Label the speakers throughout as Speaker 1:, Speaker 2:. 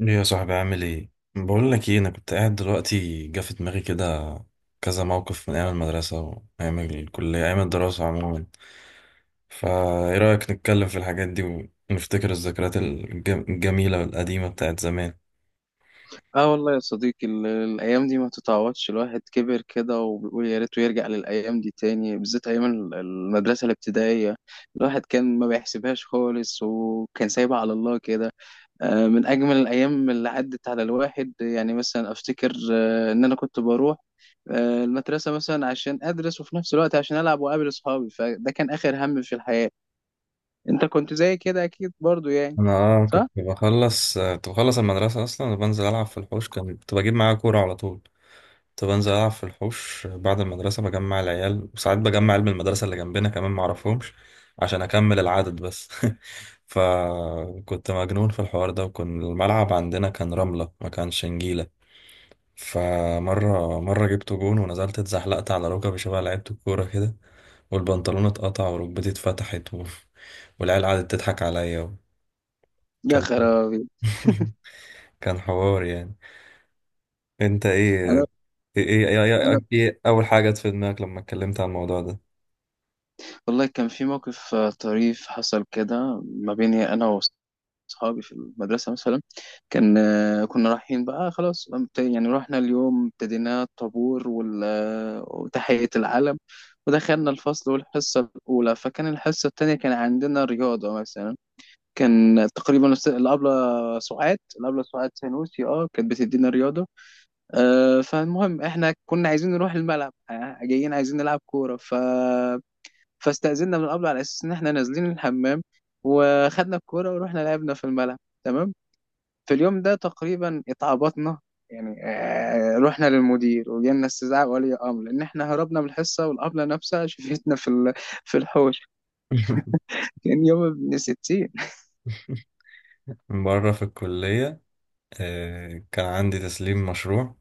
Speaker 1: ايه يا صاحبي، عامل ايه؟ بقول لك ايه، انا كنت قاعد دلوقتي جه في دماغي كده كذا موقف من ايام المدرسه وايام الكليه، ايام الدراسه عموما. فايه رايك نتكلم في الحاجات دي ونفتكر الذكريات الجميله القديمه بتاعت زمان؟
Speaker 2: اه والله يا صديقي الايام دي ما تتعوضش. الواحد كبر كده وبيقول يا ريته يرجع للايام دي تاني، بالذات ايام المدرسه الابتدائيه. الواحد كان ما بيحسبهاش خالص وكان سايبها على الله كده. من اجمل الايام اللي عدت على الواحد. يعني مثلا افتكر ان انا كنت بروح المدرسه مثلا عشان ادرس، وفي نفس الوقت عشان العب واقابل اصحابي. فده كان اخر هم في الحياه. انت كنت زي كده اكيد برضو يعني؟
Speaker 1: انا كنت
Speaker 2: صح.
Speaker 1: بخلص كنت بخلص المدرسه اصلا وبنزل العب في الحوش. كنت بجيب معايا كوره على طول. كنت بنزل ألعب في الحوش بعد المدرسة، بجمع العيال وساعات بجمع عيال من المدرسة اللي جنبنا كمان معرفهمش، عشان أكمل العدد بس. فكنت مجنون في الحوار ده، وكان الملعب عندنا كان رملة ما كانش نجيلة. فمرة جبت جون ونزلت اتزحلقت على ركبي شبه لعيبة الكورة كده، والبنطلون اتقطع وركبتي اتفتحت والعيال قعدت تضحك عليا
Speaker 2: يا
Speaker 1: كان
Speaker 2: خرابي.
Speaker 1: كان حوار يعني. انت ايه؟ ايه ايه, ايه, ايه,
Speaker 2: انا
Speaker 1: ايه إيه اول حاجة جت في دماغك لما اتكلمت عن الموضوع ده؟
Speaker 2: والله كان في موقف طريف حصل كده ما بيني انا واصحابي في المدرسه مثلا. كان كنا رايحين بقى خلاص. يعني رحنا اليوم، ابتدينا الطابور وتحيه العلم، ودخلنا الفصل والحصه الاولى. فكان الحصه الثانيه كان عندنا رياضه مثلا. كان تقريبا الابله سعاد، الابله سعاد سانوسي، اه كانت بتدينا رياضه. فالمهم احنا كنا عايزين نروح الملعب، جايين عايزين نلعب كوره. فاستأذننا من قبل على أساس إن إحنا نازلين الحمام، وخدنا الكورة ورحنا لعبنا في الملعب. تمام. في اليوم ده تقريبا اتعبطنا، يعني رحنا للمدير وجالنا استدعاء ولي أمر، لأن إحنا هربنا من الحصة والأبلة نفسها شفتنا في في الحوش. كان يوم ابن ستين.
Speaker 1: مرة في الكلية كان عندي تسليم مشروع.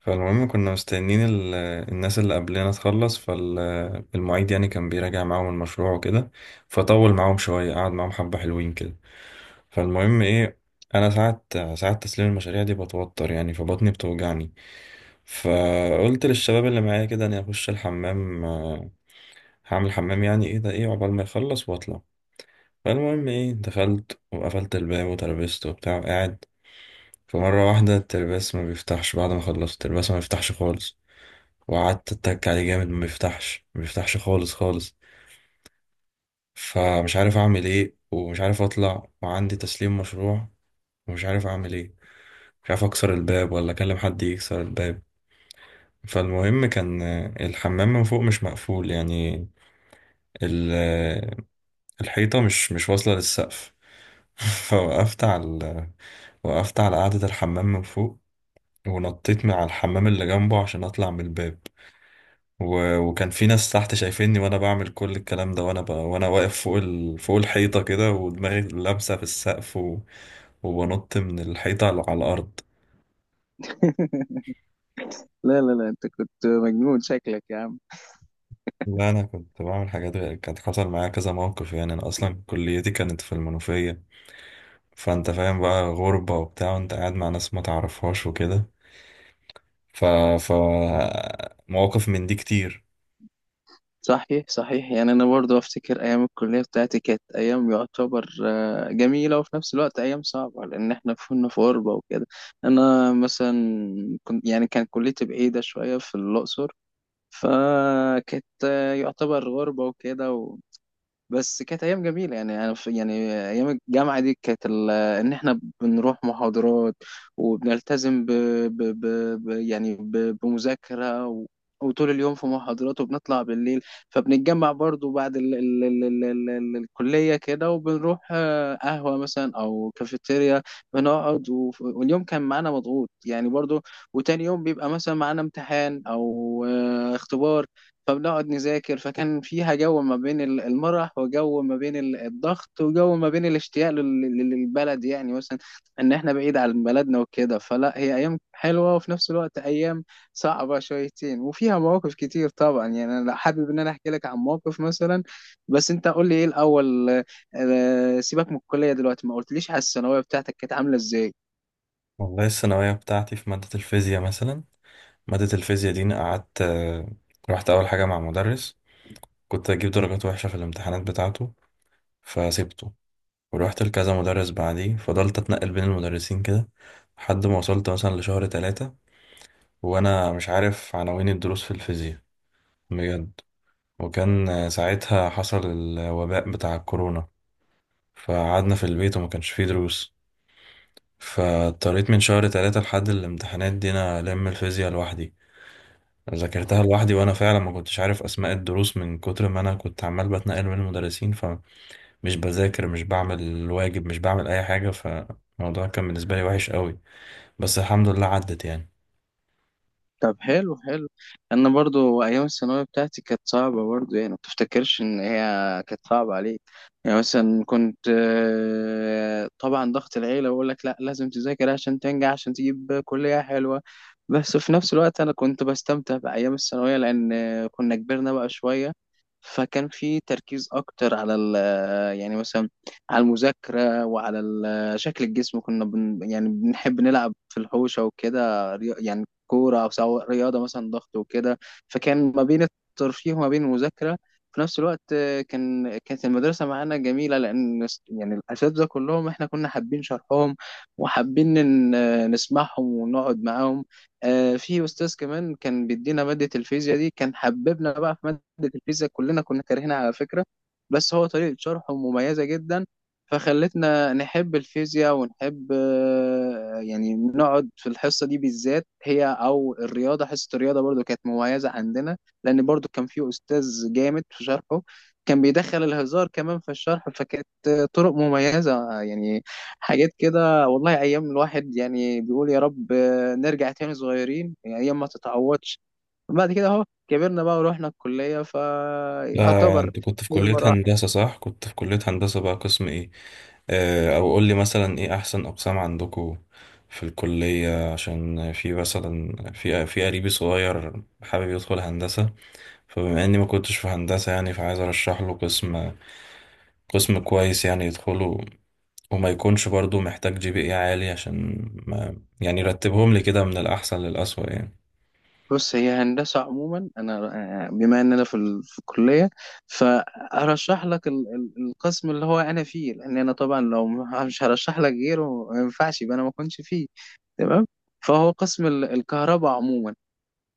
Speaker 1: فالمهم كنا مستنيين الناس اللي قبلنا تخلص، فالمعيد يعني كان بيراجع معاهم المشروع وكده، فطول معاهم شوية، قعد معاهم حبة حلوين كده. فالمهم ايه، انا ساعة تسليم المشاريع دي بتوتر يعني فبطني بتوجعني. فقلت للشباب اللي معايا كده اني اخش الحمام، هعمل حمام يعني، ايه ده، ايه عقبال ما يخلص واطلع. فالمهم ايه، دخلت وقفلت الباب وتربست وبتاع قاعد. فمرة واحدة الترباس ما بيفتحش، بعد ما خلصت الترباس ما بيفتحش خالص، وقعدت اتك عليه جامد ما بيفتحش ما بيفتحش خالص خالص. فمش عارف اعمل ايه ومش عارف اطلع، وعندي تسليم مشروع، ومش عارف اعمل ايه، مش عارف اكسر الباب ولا اكلم حد يكسر الباب. فالمهم كان الحمام من فوق مش مقفول يعني، ال- آه، الحيطة مش واصلة للسقف. فوقفت على وقفت على قاعدة الحمام من فوق، ونطيت من على الحمام اللي جنبه عشان اطلع من الباب، وكان في ناس تحت شايفيني وانا بعمل كل الكلام ده، وانا وانا واقف فوق فوق الحيطه كده ودماغي لابسه في السقف، وبنط من الحيطه على الارض.
Speaker 2: لا لا لا، أنت كنت مجنون شكلك يا عم.
Speaker 1: لا، انا كنت بعمل حاجات غ- كانت حصل معايا كذا موقف يعني. انا اصلا كليتي كانت في المنوفيه، فانت فاهم بقى غربه وبتاع، وانت قاعد مع ناس ما تعرفهاش وكده. ف... ف مواقف من دي كتير.
Speaker 2: صحيح صحيح. يعني انا برضو افتكر ايام الكليه بتاعتي كانت ايام يعتبر جميله، وفي نفس الوقت ايام صعبه، لان احنا كنا في غربه وكده. انا مثلا كنت يعني كان كليتي بعيده شويه في الاقصر، فكانت يعتبر غربه وكده. بس كانت ايام جميله. يعني انا في يعني ايام الجامعه دي كانت ان احنا بنروح محاضرات وبنلتزم ب ب ب ب يعني بمذاكره، و وطول اليوم في محاضرات، وبنطلع بالليل فبنتجمع برضو بعد ال ال ال ال ال ال الكلية كده، وبنروح قهوة مثلا أو كافيتيريا. واليوم كان معانا مضغوط يعني برضو، وتاني يوم بيبقى مثلا معانا امتحان أو اختبار، فبنقعد نذاكر. فكان فيها جو ما بين المرح، وجو ما بين الضغط، وجو ما بين الاشتياق للبلد، يعني مثلا ان احنا بعيد عن بلدنا وكده. فلا، هي ايام حلوه، وفي نفس الوقت ايام صعبه شويتين، وفيها مواقف كتير طبعا. يعني انا حابب ان انا احكي لك عن موقف مثلا، بس انت قول لي ايه الاول. سيبك من الكليه دلوقتي، ما قلتليش على الثانويه بتاعتك كانت عامله ازاي؟
Speaker 1: والله الثانويه بتاعتي في ماده الفيزياء مثلا، ماده الفيزياء دي أنا قعدت رحت اول حاجه مع مدرس، كنت اجيب درجات وحشة في الامتحانات بتاعته فسيبته، ورحت لكذا مدرس بعديه، فضلت اتنقل بين المدرسين كده لحد ما وصلت مثلا لشهر تلاتة وانا مش عارف عناوين الدروس في الفيزياء، بجد. وكان ساعتها حصل الوباء بتاع الكورونا، فقعدنا في البيت وما كانش فيه دروس، فاضطريت من شهر تلاتة لحد الامتحانات دي انا الم الفيزياء لوحدي، ذاكرتها لوحدي، وانا فعلا ما كنتش عارف اسماء الدروس من كتر ما انا كنت عمال بتنقل بين المدرسين، مش بذاكر مش بعمل الواجب مش بعمل اي حاجة. فالموضوع كان بالنسبة لي وحش قوي، بس الحمد لله عدت يعني.
Speaker 2: طب حلو حلو. انا برضو ايام الثانويه بتاعتي كانت صعبه برضو، يعني ما تفتكرش ان هي كانت صعبه عليك. يعني مثلا كنت طبعا ضغط العيله بقول لك لا لازم تذاكر عشان تنجح عشان تجيب كليه حلوه. بس في نفس الوقت انا كنت بستمتع بايام الثانويه، لان كنا كبرنا بقى شويه، فكان في تركيز اكتر على ال، يعني مثلا على المذاكره، وعلى شكل الجسم. كنا يعني بنحب نلعب في الحوشه وكده، يعني كورة، أو سواء رياضة مثلا ضغط وكده. فكان ما بين الترفيه وما بين المذاكرة. في نفس الوقت كان كانت المدرسة معانا جميلة، لأن يعني الأساتذة كلهم إحنا كنا حابين شرحهم، وحابين إن نسمعهم ونقعد معاهم. في أستاذ كمان كان بيدينا مادة الفيزياء دي، كان حببنا بقى في مادة الفيزياء. كلنا كنا كارهينها على فكرة، بس هو طريقة شرحه مميزة جدا، فخلتنا نحب الفيزياء، ونحب يعني نقعد في الحصة دي بالذات هي. أو الرياضة، حصة الرياضة برضو كانت مميزة عندنا، لأن برضو كان في أستاذ جامد في شرحه، كان بيدخل الهزار كمان في الشرح، فكانت طرق مميزة يعني. حاجات كده والله، أيام الواحد يعني بيقول يا رب نرجع تاني صغيرين. يعني أيام ما تتعوضش. بعد كده أهو كبرنا بقى ورحنا الكلية فيعتبر.
Speaker 1: انت كنت في
Speaker 2: هي
Speaker 1: كلية
Speaker 2: مراحل.
Speaker 1: هندسة صح؟ كنت في كلية هندسة بقى قسم ايه؟ او قول لي مثلا ايه احسن اقسام عندكم في الكلية، عشان في مثلا في قريبي صغير حابب يدخل هندسة، فبما اني ما كنتش في هندسة يعني فعايز ارشح له قسم كويس يعني يدخله، وما يكونش برضو محتاج GPA عالي، عشان ما، يعني، رتبهم لي كده من الأحسن للأسوأ يعني.
Speaker 2: بص، هي هندسة عموما. أنا بما إن أنا في, ال... في الكلية، فأرشح لك القسم اللي هو أنا فيه، لأن أنا طبعا لو مش هرشح لك غيره، ما ينفعش يبقى أنا ما كنتش فيه. تمام. فهو قسم الكهرباء عموما،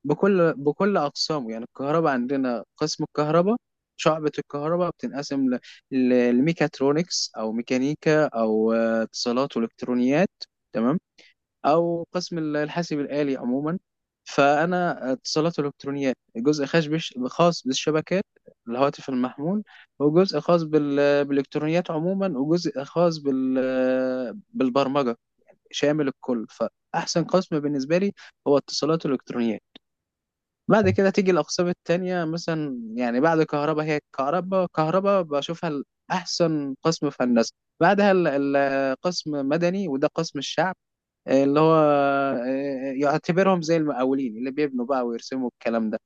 Speaker 2: بكل أقسامه. يعني الكهرباء عندنا، قسم الكهرباء، شعبة الكهرباء بتنقسم ل... للميكاترونكس، أو ميكانيكا، أو اتصالات وإلكترونيات. تمام. او قسم الحاسب الالي عموما. فانا اتصالات الكترونيات، جزء خاص خاص بالشبكات، الهواتف المحمول، وجزء خاص بال... بالالكترونيات عموما، وجزء خاص بال... بالبرمجه، شامل الكل. فاحسن قسم بالنسبه لي هو اتصالات الالكترونيات. بعد كده تيجي الاقسام التانية مثلا. يعني بعد كهرباء، هي كهرباء، كهرباء بشوفها احسن قسم في هندسه. بعدها قسم مدني، وده قسم الشعب اللي هو يعتبرهم زي المقاولين اللي بيبنوا بقى ويرسموا الكلام ده.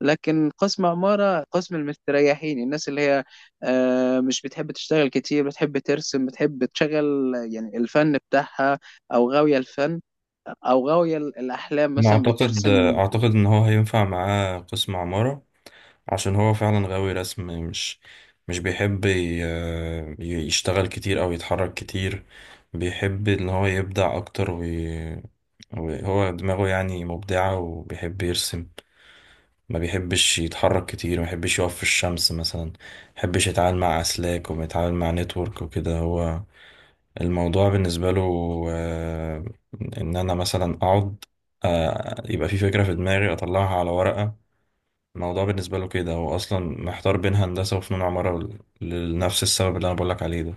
Speaker 2: لكن قسم عمارة، قسم المستريحين، الناس اللي هي مش بتحب تشتغل كتير، بتحب ترسم، بتحب تشغل يعني الفن بتاعها، أو غاوية الفن، أو غاوية الأحلام
Speaker 1: أنا
Speaker 2: مثلا
Speaker 1: أعتقد
Speaker 2: بترسم.
Speaker 1: أعتقد إن هو هينفع معاه قسم عمارة، عشان هو فعلا غاوي رسم، مش بيحب يشتغل كتير أو يتحرك كتير. بيحب إن هو يبدع أكتر، وهو دماغه يعني مبدعة وبيحب يرسم، ما بيحبش يتحرك كتير، ما بيحبش يقف في الشمس مثلا، ما بيحبش يتعامل مع أسلاك وما يتعامل مع نتورك وكده. هو الموضوع بالنسبة له آه، إن أنا مثلا أقعد، يبقى في فكرة في دماغي أطلعها على ورقة. الموضوع بالنسبة له كده، هو أصلا محتار بين هندسة وفنون عمارة، ل- لنفس السبب اللي أنا بقولك عليه ده.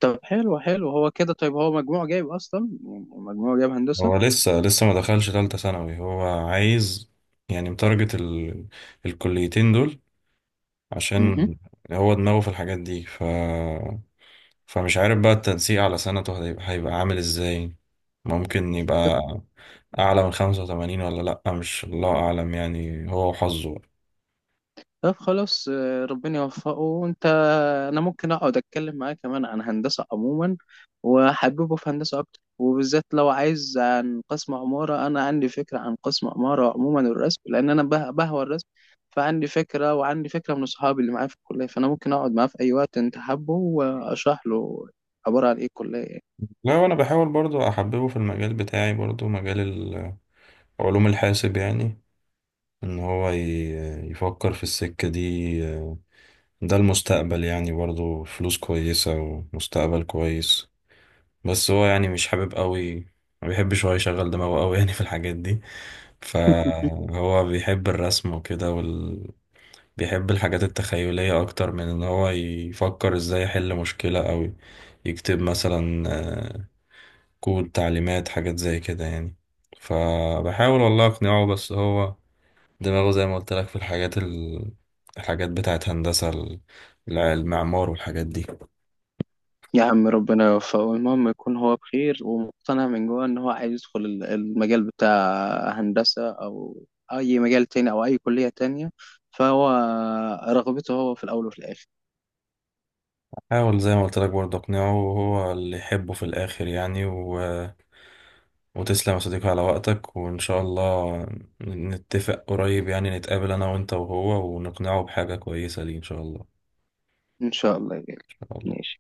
Speaker 2: طب حلو حلو. هو كده طيب هو مجموع جايب أصلا؟ مجموع جايب هندسة؟
Speaker 1: هو لسه لسه ما دخلش تالتة ثانوي، هو عايز يعني متارجت الكليتين دول عشان هو دماغه في الحاجات دي. فمش عارف بقى التنسيق على سنته هيبقى عامل ازاي. ممكن يبقى أعلى من 85 ولا لأ، مش الله أعلم يعني، هو وحظه.
Speaker 2: طب خلاص. ربنا يوفقه. وانت، انا ممكن اقعد اتكلم معاه كمان عن هندسة عموما، وحببه في هندسة اكتر. وبالذات لو عايز عن قسم عمارة، انا عندي فكرة عن قسم عمارة عموما، الرسم، لان انا بهوى الرسم. فعندي فكرة، وعندي فكرة من اصحابي اللي معايا في الكلية. فانا ممكن اقعد معاه في اي وقت انت حابه، واشرح له عبارة عن ايه الكلية يعني.
Speaker 1: لا، وأنا بحاول برضو أحببه في المجال بتاعي، برضو مجال علوم الحاسب يعني، إن هو يفكر في السكة دي. ده المستقبل يعني برضو، فلوس كويسة ومستقبل كويس. بس هو يعني مش حابب قوي، ما بيحبش هو يشغل دماغه قوي يعني في الحاجات دي، فهو بيحب الرسم وكده، بيحب الحاجات التخيلية أكتر من إن هو يفكر إزاي يحل مشكلة، أو يكتب مثلا كود تعليمات، حاجات زي كده يعني. فبحاول والله أقنعه، بس هو دماغه زي ما قلت لك في الحاجات، الحاجات بتاعت هندسة، المعمار والحاجات دي.
Speaker 2: يا عم ربنا يوفقه. المهم يكون هو بخير ومقتنع من جوه ان هو عايز يدخل المجال بتاع هندسة، او اي مجال تاني، او اي كلية تانية. فهو رغبته هو في الاول وفي الاخر.
Speaker 1: حاول زي ما قلت لك برضه أقنعه، وهو اللي يحبه في الآخر يعني، وتسلم يا صديقي على وقتك، وإن شاء الله نتفق قريب يعني، نتقابل أنا وأنت وهو ونقنعه بحاجة كويسة ليه إن شاء الله.
Speaker 2: ان شاء الله يا غالي.
Speaker 1: إن شاء الله.
Speaker 2: ماشي.